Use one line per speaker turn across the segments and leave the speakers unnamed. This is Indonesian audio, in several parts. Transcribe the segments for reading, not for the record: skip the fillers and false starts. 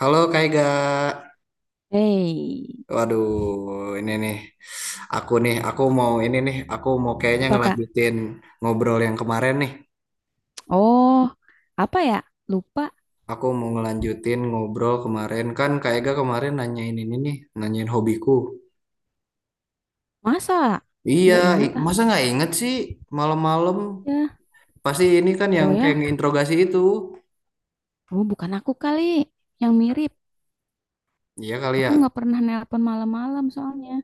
Halo Kaiga.
Hei,
Waduh, ini nih. Aku nih, aku mau ini nih, aku mau kayaknya
apa Kak?
ngelanjutin ngobrol yang kemarin nih.
Oh, apa ya? Lupa.
Aku mau ngelanjutin ngobrol kemarin kan Kaiga kemarin nanyain ini nih, nanyain hobiku.
Masa?
Iya,
Nggak ingat ah.
masa nggak inget sih malam-malam?
Ya.
Pasti ini kan yang
Oh
kayak
ya,
nginterogasi itu.
oh bukan aku kali yang mirip.
Iya kali ya.
Aku nggak pernah nelpon malam-malam soalnya.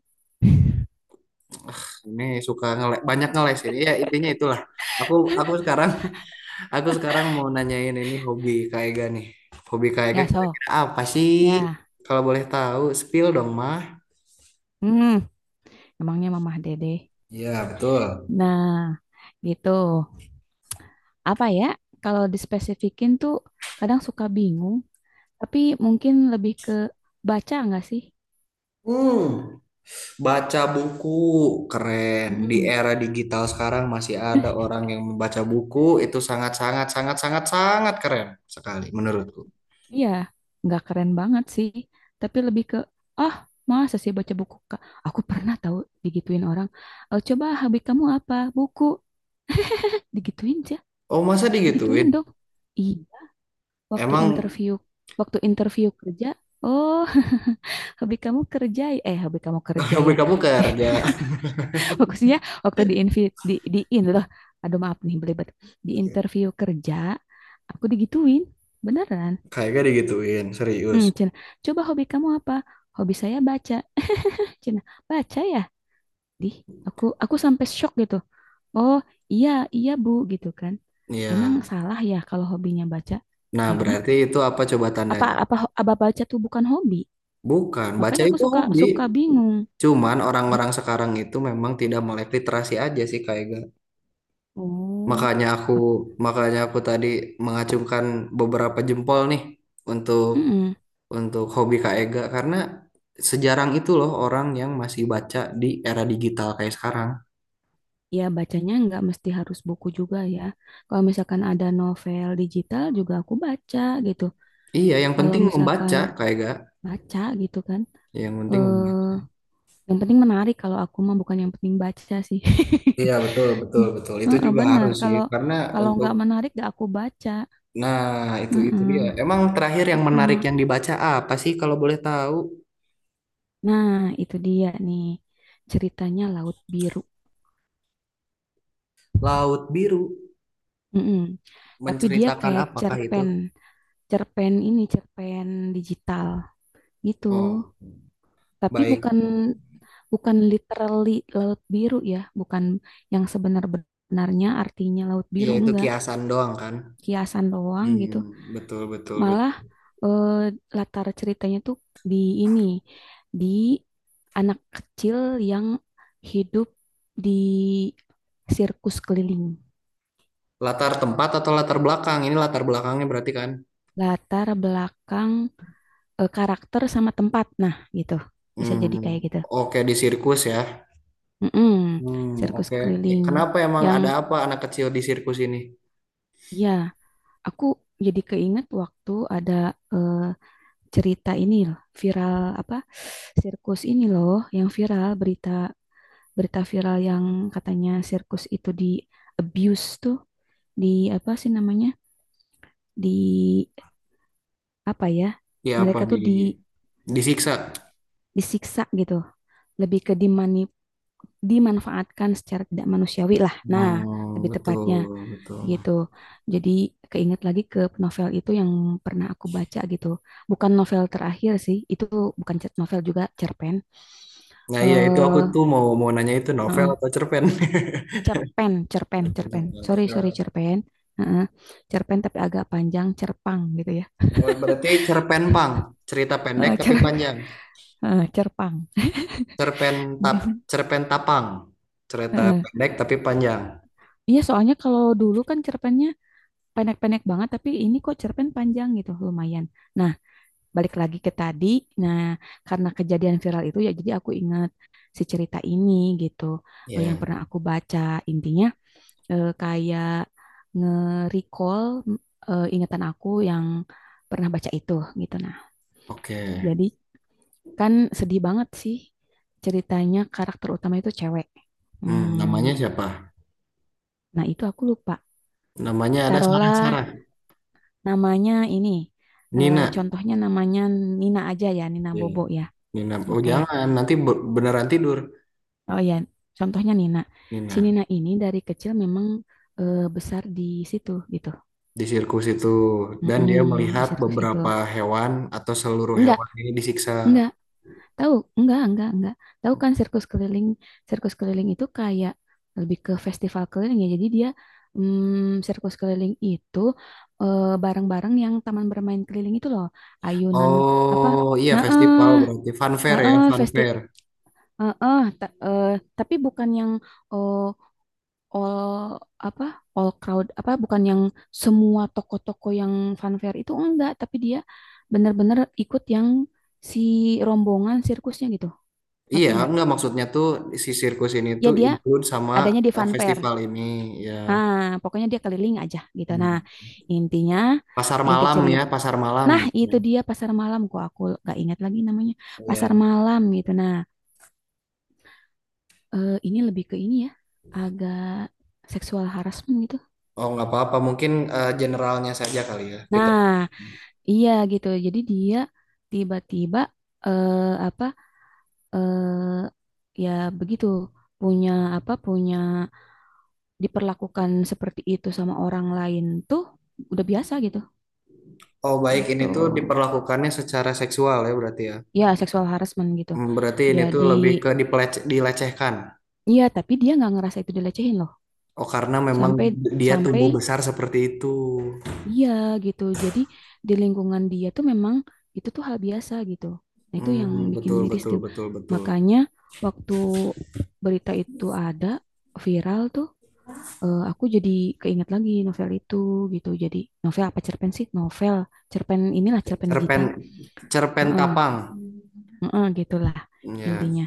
Ini suka ngele banyak ngelesin. Iya, intinya itulah. Aku aku sekarang Aku sekarang mau nanyain ini hobi Kak Ega nih. Hobi Kak Ega
Ya, so.
kira-kira apa sih?
Ya.
Kalau boleh tahu, spill dong, mah.
Hmm, emangnya Mamah Dede.
Iya, betul.
Nah, gitu. Apa ya? Kalau dispesifikin tuh kadang suka bingung, tapi mungkin lebih ke baca nggak sih?
Hmm, baca buku keren. Di
Mm-mm.
era digital sekarang masih ada orang yang membaca buku itu sangat sangat sangat sangat sangat keren sekali menurutku.
Iya, nggak keren banget sih. Tapi lebih ke, ah, masa sih baca buku, Kak? Aku pernah tahu digituin orang, "Eh, coba hobi kamu apa? Buku. Digituin aja,
Oh, masa
digituin
digituin?
dong. Iya, waktu
Emang
interview, waktu interview kerja, oh, hobi kamu kerja ya? Eh, hobi kamu kerja
hobi
ya.
kamu kerja?
Maksudnya waktu di invi, di in loh. Aduh, maaf nih, belibet. Di interview kerja, aku digituin. Beneran.
Kayaknya digituin, serius.
Hmm, Cen, coba hobi kamu apa? Hobi saya baca. Cina baca ya di aku sampai shock gitu. Oh iya, iya bu gitu kan. Emang
Iya.
salah ya kalau hobinya baca,
Nah,
ya kan?
berarti itu apa coba
apa
tandanya?
apa ho- apa baca tuh bukan hobi.
Bukan, baca
Makanya aku
itu
suka
hobi.
suka bingung.
Cuman
Bo-
orang-orang sekarang itu memang tidak melek literasi aja sih kayak gak.
oh
Makanya aku
mak-
makanya aku tadi mengacungkan beberapa jempol nih untuk
mm-mm.
hobi Kak Ega karena sejarang itu loh orang yang masih baca di era digital kayak sekarang.
Ya bacanya nggak mesti harus buku juga ya, kalau misalkan ada novel digital juga aku baca gitu.
Iya, yang
Kalau
penting
misalkan
membaca Kak Ega,
baca gitu kan,
yang penting
eh
membaca.
yang penting menarik, kalau aku mah bukan yang penting baca sih.
Iya betul betul betul itu
Heeh,
juga
benar.
harus sih
Kalau
karena
kalau
untuk
nggak menarik, nggak aku baca.
nah itu dia
Heeh,
emang terakhir yang menarik
heeh.
yang dibaca apa sih kalau boleh tahu.
Nah, itu dia nih, ceritanya Laut Biru.
Laut Biru.
Heeh. Tapi dia
Menceritakan
kayak
apakah itu?
cerpen, cerpen, ini cerpen digital gitu.
Oh,
Tapi
baik.
bukan, bukan literally Laut Biru ya, bukan yang sebenar-benarnya artinya Laut
Iya,
Biru,
itu
enggak.
kiasan doang kan?
Kiasan doang gitu.
Hmm, betul, betul,
Malah
betul.
eh, latar ceritanya tuh di ini, di anak kecil yang hidup di sirkus keliling.
Latar tempat atau latar belakang? Ini latar belakangnya berarti kan?
Latar belakang karakter sama tempat. Nah, gitu. Bisa jadi
Hmm,
kayak gitu.
oke di sirkus ya.
Mm-mm,
Hmm,
sirkus
oke. Ya,
keliling
kenapa emang
yang
ada apa anak kecil di sirkus ini?
ya. Aku jadi keinget waktu ada, eh, cerita ini loh, viral apa? Sirkus ini loh yang viral, berita, berita viral yang katanya sirkus itu di abuse tuh, di apa sih namanya, di apa ya,
Ya apa
mereka
di
tuh di
disiksa?
disiksa gitu, lebih ke dimani, dimanfaatkan secara tidak manusiawi lah. Nah,
Oh,
lebih
betul,
tepatnya
betul.
gitu. Jadi keinget lagi ke novel itu yang pernah aku baca gitu. Bukan novel terakhir sih itu, bukan cer- novel juga, cerpen.
Nah, iya itu aku
eh
tuh mau mau nanya itu novel atau cerpen?
cerpen, cerpen, cerpen. Sorry, sorry,
novel.
cerpen. Heeh. Cerpen tapi agak panjang, cerpang gitu ya.
Oh, berarti cerpen pang, cerita pendek
Heeh,
tapi panjang.
cerpang.
Cerpen tap
Gitu.
cerpen Tapang. Cerita pendek tapi panjang.
Iya, soalnya kalau dulu kan cerpennya pendek-pendek banget, tapi ini kok cerpen panjang gitu, lumayan. Nah, balik lagi ke tadi. Nah, karena kejadian viral itu ya, jadi aku ingat si cerita ini gitu, yang
Ya,
pernah aku baca. Intinya kayak nge-recall ingatan aku yang pernah baca itu gitu. Nah,
oke.
jadi kan sedih banget sih ceritanya, karakter utama itu cewek.
Hmm, namanya
Hmm,
siapa?
nah itu aku lupa.
Namanya ada Sarah
Taruhlah
Sarah.
namanya ini,
Nina.
contohnya namanya Nina aja ya, Nina
Iya,
Bobo ya.
Nina. Oh,
Oke.
jangan, nanti beneran tidur.
Oh ya, contohnya Nina. Si
Nina
Nina ini dari kecil memang besar di situ gitu.
di sirkus itu dan dia
Mm-mm, di
melihat
sirkus itu.
beberapa hewan atau seluruh
Enggak,
hewan ini disiksa.
enggak. Tahu? Enggak, enggak. Tahu kan sirkus keliling? Sirkus keliling itu kayak lebih ke festival keliling ya. Jadi dia sirkus keliling itu barang-barang yang taman bermain keliling itu loh. Ayunan apa?
Oh, iya
Nah,
festival
eh,
berarti fun fair ya,
heeh,
fun
festi
fair.
heeh, ta- eh, tapi bukan yang eh, all apa? All crowd apa, bukan yang semua toko-toko yang funfair itu, enggak, tapi dia benar-benar ikut yang si rombongan sirkusnya gitu.
Iya,
Ngerti nggak?
nggak maksudnya tuh si sirkus ini
Ya
tuh
dia
include sama
adanya di Funfair.
festival ini ya.
Nah, pokoknya dia keliling aja gitu. Nah,
Hmm.
intinya,
Pasar
inti
malam ya,
cerita.
pasar malam.
Nah, itu dia pasar malam, kok aku gak ingat lagi namanya. Pasar
Iya.
malam gitu. Nah, ini lebih ke ini ya. Agak seksual harassment gitu.
Oh, nggak apa-apa. Mungkin generalnya saja kali ya kita.
Nah, iya gitu. Jadi dia tiba-tiba eh apa eh ya begitu punya, punya diperlakukan seperti itu sama orang lain tuh udah biasa gitu.
Oh, baik. Ini
Gitu.
tuh diperlakukannya secara seksual ya berarti ya.
Ya seksual harassment gitu.
Hmm, berarti ini tuh
Jadi
lebih ke dilecehkan.
iya, tapi dia nggak ngerasa itu dilecehin loh.
Oh, karena memang
Sampai
dia
sampai
tumbuh besar seperti itu.
iya gitu. Jadi di lingkungan dia tuh memang itu tuh hal biasa gitu. Nah itu yang
Hmm,
bikin
betul,
miris
betul,
tuh.
betul, betul.
Makanya waktu berita itu ada viral tuh, aku jadi keinget lagi novel itu gitu. Jadi novel apa cerpen sih? Novel, cerpen, inilah cerpen
Cerpen,
digital.
cerpen
Heeh,
tapang.
heeh, gitulah
Ya.
intinya.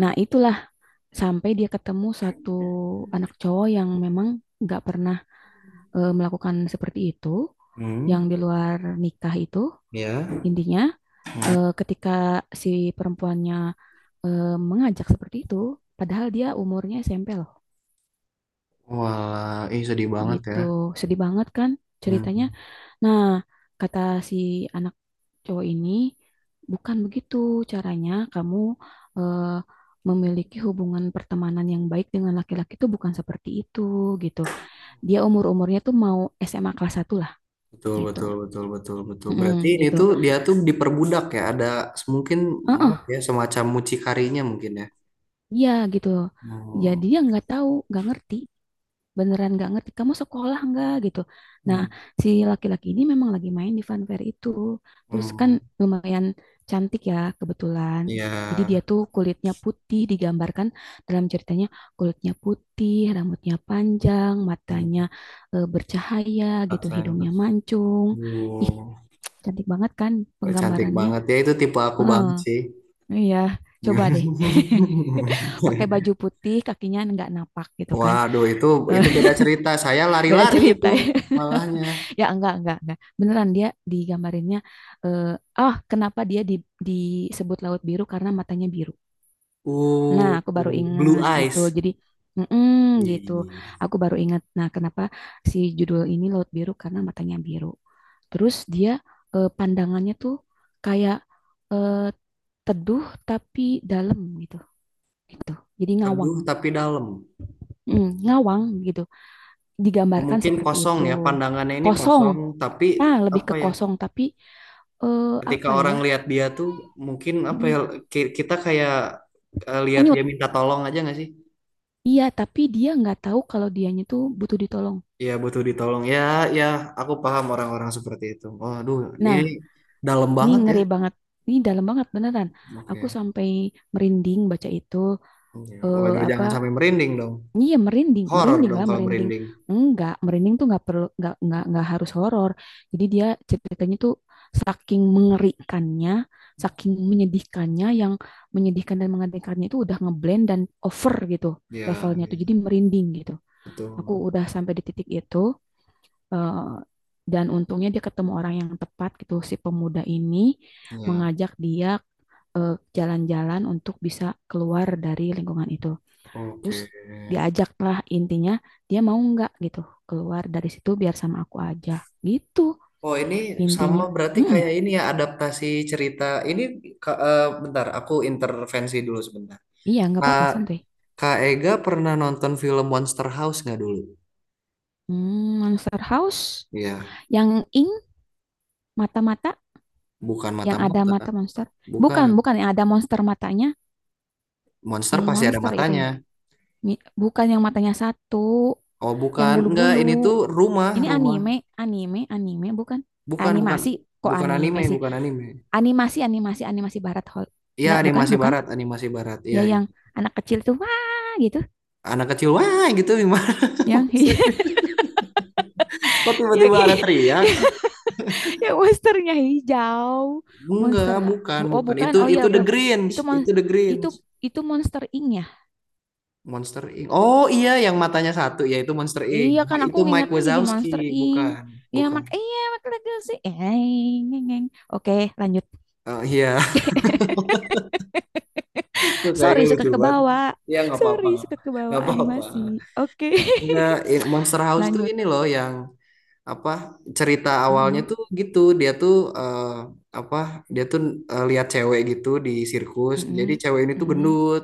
Nah, itulah, sampai dia ketemu satu anak cowok yang memang nggak pernah melakukan seperti itu, yang
Hmm,
di luar nikah itu.
ya.
Intinya,
Hmm.
ketika si perempuannya mengajak seperti itu, padahal dia umurnya SMP loh,
Wah, ih sedih banget ya.
gitu. Sedih banget kan ceritanya.
Hmm.
Nah, kata si anak cowok ini, bukan begitu caranya kamu eh, memiliki hubungan pertemanan yang baik dengan laki-laki, itu bukan seperti itu gitu. Dia umur-umurnya tuh mau SMA kelas satu lah
Betul,
gitu.
betul, betul, betul, betul.
Mm,
Berarti ini
gitu.
tuh dia tuh diperbudak ya, ada mungkin
Heeh,
maaf ya semacam mucikarinya mungkin ya.
iya gitu. Jadi
Oh,
dia nggak tahu, nggak ngerti, beneran nggak ngerti. Kamu sekolah nggak gitu. Nah,
iya.
si laki-laki ini memang lagi main di funfair itu. Terus kan
Hmm,
lumayan cantik ya kebetulan.
iya.
Jadi dia tuh kulitnya putih, digambarkan dalam ceritanya kulitnya putih, rambutnya panjang,
Hmm.
matanya bercahaya gitu,
Outlander.
hidungnya mancung. Ih,
Oh,
cantik banget kan
cantik
penggambarannya.
banget ya itu tipe aku
Heeh,
banget sih.
iya, coba deh. Pakai baju putih, kakinya nggak napak gitu kan.
Waduh,
Eh,
itu beda cerita. Saya
Beda
lari-lari
cerita
itu
ya.
malahnya.
Ya enggak, enggak. Beneran dia digambarinnya, eh, ah kenapa dia disebut laut biru? Karena matanya biru. Nah,
Uh,
aku baru
Blue
inget gitu.
Eyes.
Jadi, mm gitu.
Ih,
Aku baru inget. Nah, kenapa si judul ini laut biru? Karena matanya biru. Terus dia pandangannya tuh kayak eh, teduh tapi dalam gitu. Gitu. Jadi ngawang,
teduh tapi dalam.
Ngawang gitu.
Oh,
Digambarkan
mungkin
seperti
kosong
itu.
ya pandangannya ini
Kosong,
kosong tapi
nah lebih ke
apa ya
kosong tapi
ketika
apa ya?
orang lihat dia tuh mungkin apa ya
mm,
kita kayak lihat dia
Hanyut.
minta tolong aja nggak sih,
Iya, tapi dia nggak tahu kalau dianya tuh butuh ditolong.
ya butuh ditolong ya, ya aku paham orang-orang seperti itu. Waduh, ini
Nah,
dalam
ini
banget ya.
ngeri banget. Ini dalam banget beneran. Aku
Oke.
sampai merinding baca itu.
Iya.
Eh,
Waduh
apa
jangan sampai merinding dong.
Iya merinding,
Horor
merinding
dong
lah,
kalau
merinding.
merinding.
Enggak, merinding tuh nggak perlu, nggak nggak harus horor. Jadi dia ceritanya tuh saking mengerikannya, saking menyedihkannya, yang menyedihkan dan mengerikannya itu udah ngeblend dan over gitu
Ya,
levelnya tuh.
ya,
Jadi merinding gitu. Aku
betul
udah sampai di titik itu, eh, dan untungnya dia ketemu orang yang tepat gitu. Si pemuda ini
ya.
mengajak dia jalan-jalan untuk bisa keluar dari lingkungan itu.
Oke.
Terus diajak lah, intinya dia mau nggak gitu keluar dari situ biar sama aku aja gitu
Oh ini sama
intinya.
berarti
Mm-mm.
kayak ini ya adaptasi cerita ini. Bentar aku intervensi dulu sebentar.
Iya nggak
Kak
apa-apa santuy.
Kak Ega pernah nonton film Monster House nggak dulu?
Hmm, Monster House
Iya,
yang ing mata-mata,
bukan
yang ada
mata-mata,
mata monster.
bukan.
Bukan, bukan yang ada monster matanya,
Monster
ink
pasti ada
monster itu ya.
matanya.
Bukan yang matanya satu,
Oh
yang
bukan, enggak ini
bulu-bulu.
tuh rumah
Ini
rumah.
anime, anime bukan,
Bukan bukan
animasi, kok
bukan
anime
anime
sih,
bukan anime.
animasi animasi animasi barat hol.
Iya
Nggak, bukan,
animasi
bukan.
barat animasi barat.
Ya
Iya
yang
iya.
anak kecil tuh wah gitu,
Anak kecil wah gitu gimana?
yang
maksudnya? Kok
yang
tiba-tiba ada teriak?
yang, monsternya hijau.
Enggak, bukan,
Oh
bukan.
bukan, oh ya
Itu The
ber,
Grinch,
itu mon
itu The
itu
Grinch.
itu monster ink ya.
Monster Inc. Oh iya, yang matanya satu yaitu Monster Inc.
Iya kan aku
Itu Mike
ingatnya jadi monster
Wazowski,
ink
bukan,
ya.
bukan.
Mak iya mak Legacy eh eng, eng, oke, lanjut.
Eh, iya, itu kayaknya
Sorry suka
lucu
ke
banget.
bawah.
Ya nggak apa-apa,
Sorry suka ke bawah
nggak apa-apa.
animasi. Oke.
Enggak, Monster House tuh
Lanjut.
ini loh yang apa cerita awalnya
Mm-mm,
tuh gitu dia tuh eh, apa dia tuh lihat cewek gitu di sirkus, jadi
mm-mm,
cewek ini tuh
mm-mm.
gendut,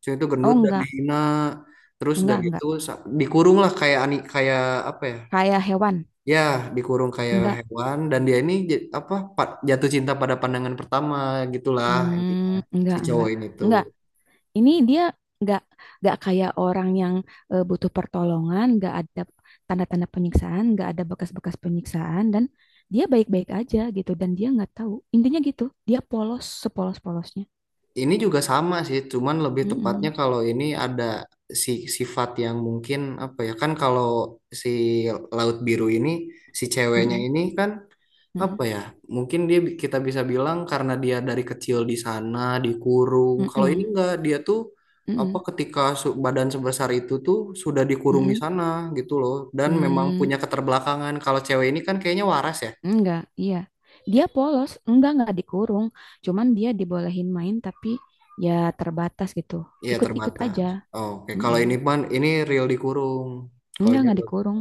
cewek itu
Oh
gendut dan
enggak
dihina, terus udah
enggak
gitu
enggak
dikurung lah kayak kayak apa ya,
kayak hewan,
ya dikurung kayak
enggak.
hewan dan dia ini jatuh cinta pada pandangan pertama gitulah intinya
Hmm,
si
enggak,
cowok
enggak.
ini tuh.
Enggak. Ini dia enggak enggak kayak orang yang butuh pertolongan, enggak ada tanda-tanda penyiksaan, enggak ada bekas-bekas penyiksaan dan dia baik-baik aja gitu dan dia enggak tahu. Intinya gitu, dia polos sepolos-polosnya.
Ini juga sama sih, cuman lebih tepatnya
Mm-mm,
kalau ini ada si sifat yang mungkin apa ya, kan kalau si laut biru ini si ceweknya
mm-mm,
ini kan
mm-mm,
apa ya mungkin dia kita bisa bilang karena dia dari kecil di sana dikurung. Kalau ini
mm-mm,
enggak dia tuh apa
mm-mm,
ketika badan sebesar itu tuh sudah dikurung di
mm-mm,
sana gitu loh dan memang
mm.
punya keterbelakangan. Kalau cewek ini kan kayaknya waras ya.
Enggak, iya. Dia
Kayak-
polos, enggak dikurung, cuman dia dibolehin main tapi ya terbatas gitu.
Iya
Ikut-ikut aja.
terbatas. Oke, kalau
Mm-mm.
ini ini real dikurung. Kalau dia
Enggak dikurung.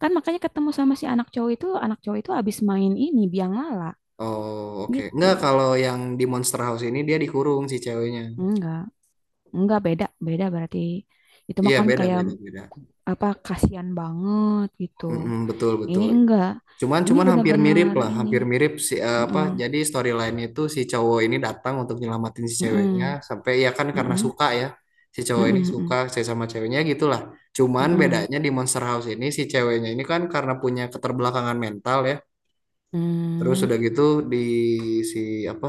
Kan makanya ketemu sama si anak cowok itu abis main ini biang lala
Oh, oke.
gitu.
Enggak, kalau yang di Monster House ini dia dikurung si ceweknya.
Enggak, enggak beda, beda berarti itu mah
Iya,
kan
beda,
kayak
beda, beda.
apa, kasihan banget gitu.
Mm-mm, betul,
Ini
betul.
enggak, ini
Cuman hampir mirip
benar-benar
lah,
ini.
hampir mirip si apa?
Heeh,
Jadi storyline itu si cowok ini datang untuk nyelamatin si ceweknya
heeh,
sampai ya kan karena
heeh,
suka ya. Si cowok ini suka
heeh,
saya sama ceweknya gitulah. Cuman
heeh, heeh,
bedanya di Monster House ini si ceweknya ini kan karena punya keterbelakangan mental ya. Terus
heeh,
udah gitu di si apa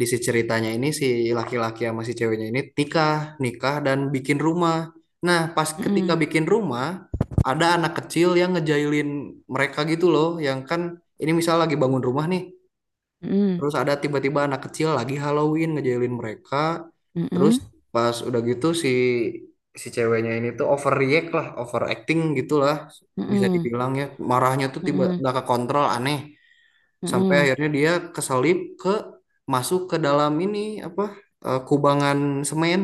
di si ceritanya ini si laki-laki sama si ceweknya ini nikah, nikah dan bikin rumah. Nah, pas
heeh, heeh,
ketika
heeh,
bikin rumah, ada anak kecil yang ngejailin mereka gitu loh, yang kan ini misal lagi bangun rumah nih, terus ada tiba-tiba anak kecil lagi Halloween ngejailin mereka, terus pas udah gitu si si ceweknya ini tuh overreact lah, overacting gitulah, bisa dibilang ya, marahnya tuh
heeh,
tiba
heeh,
nggak kekontrol aneh sampai
heeh,
akhirnya dia keselip ke masuk ke dalam ini apa kubangan semen,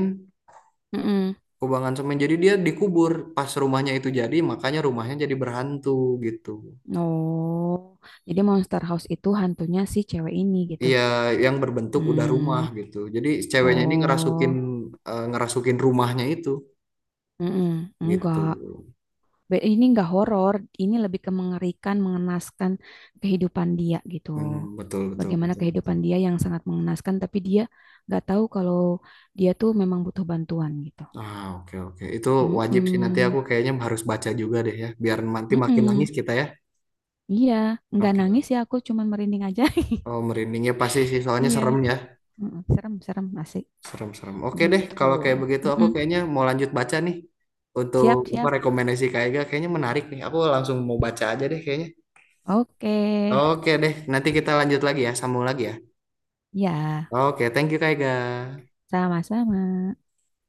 heeh.
kubangan semen jadi dia dikubur pas rumahnya itu jadi makanya rumahnya jadi berhantu gitu,
Oh, jadi Monster House itu hantunya si cewek ini gitu.
iya yang berbentuk udah rumah
Hmm,
gitu jadi ceweknya ini ngerasukin,
oh,
ngerasukin rumahnya itu
mm-mm,
gitu.
enggak. Ini enggak horor, ini lebih ke mengerikan, mengenaskan kehidupan dia gitu.
Hmm, betul betul
Bagaimana
betul betul.
kehidupan dia yang sangat mengenaskan, tapi dia nggak tahu kalau dia tuh memang butuh bantuan gitu.
Oke, oke itu wajib sih nanti aku
Mm-mm,
kayaknya harus baca juga deh ya biar nanti makin nangis
mm-mm.
kita ya.
Iya, nggak
Oke.
nangis ya, aku cuman merinding aja.
Oh, merindingnya pasti sih, soalnya
Iya,
serem ya.
mm-mm, serem, serem, asik
Serem-serem. Oke deh,
gitu.
kalau kayak begitu aku
Mm-mm.
kayaknya mau lanjut baca nih. Untuk
Siap,
apa
siap.
rekomendasi Kak Ega kayaknya menarik nih. Aku langsung mau baca aja deh kayaknya.
Oke,
Oke deh, nanti kita lanjut lagi ya, sambung lagi ya.
ya,
Oke, thank you Kak Ega.
sama-sama.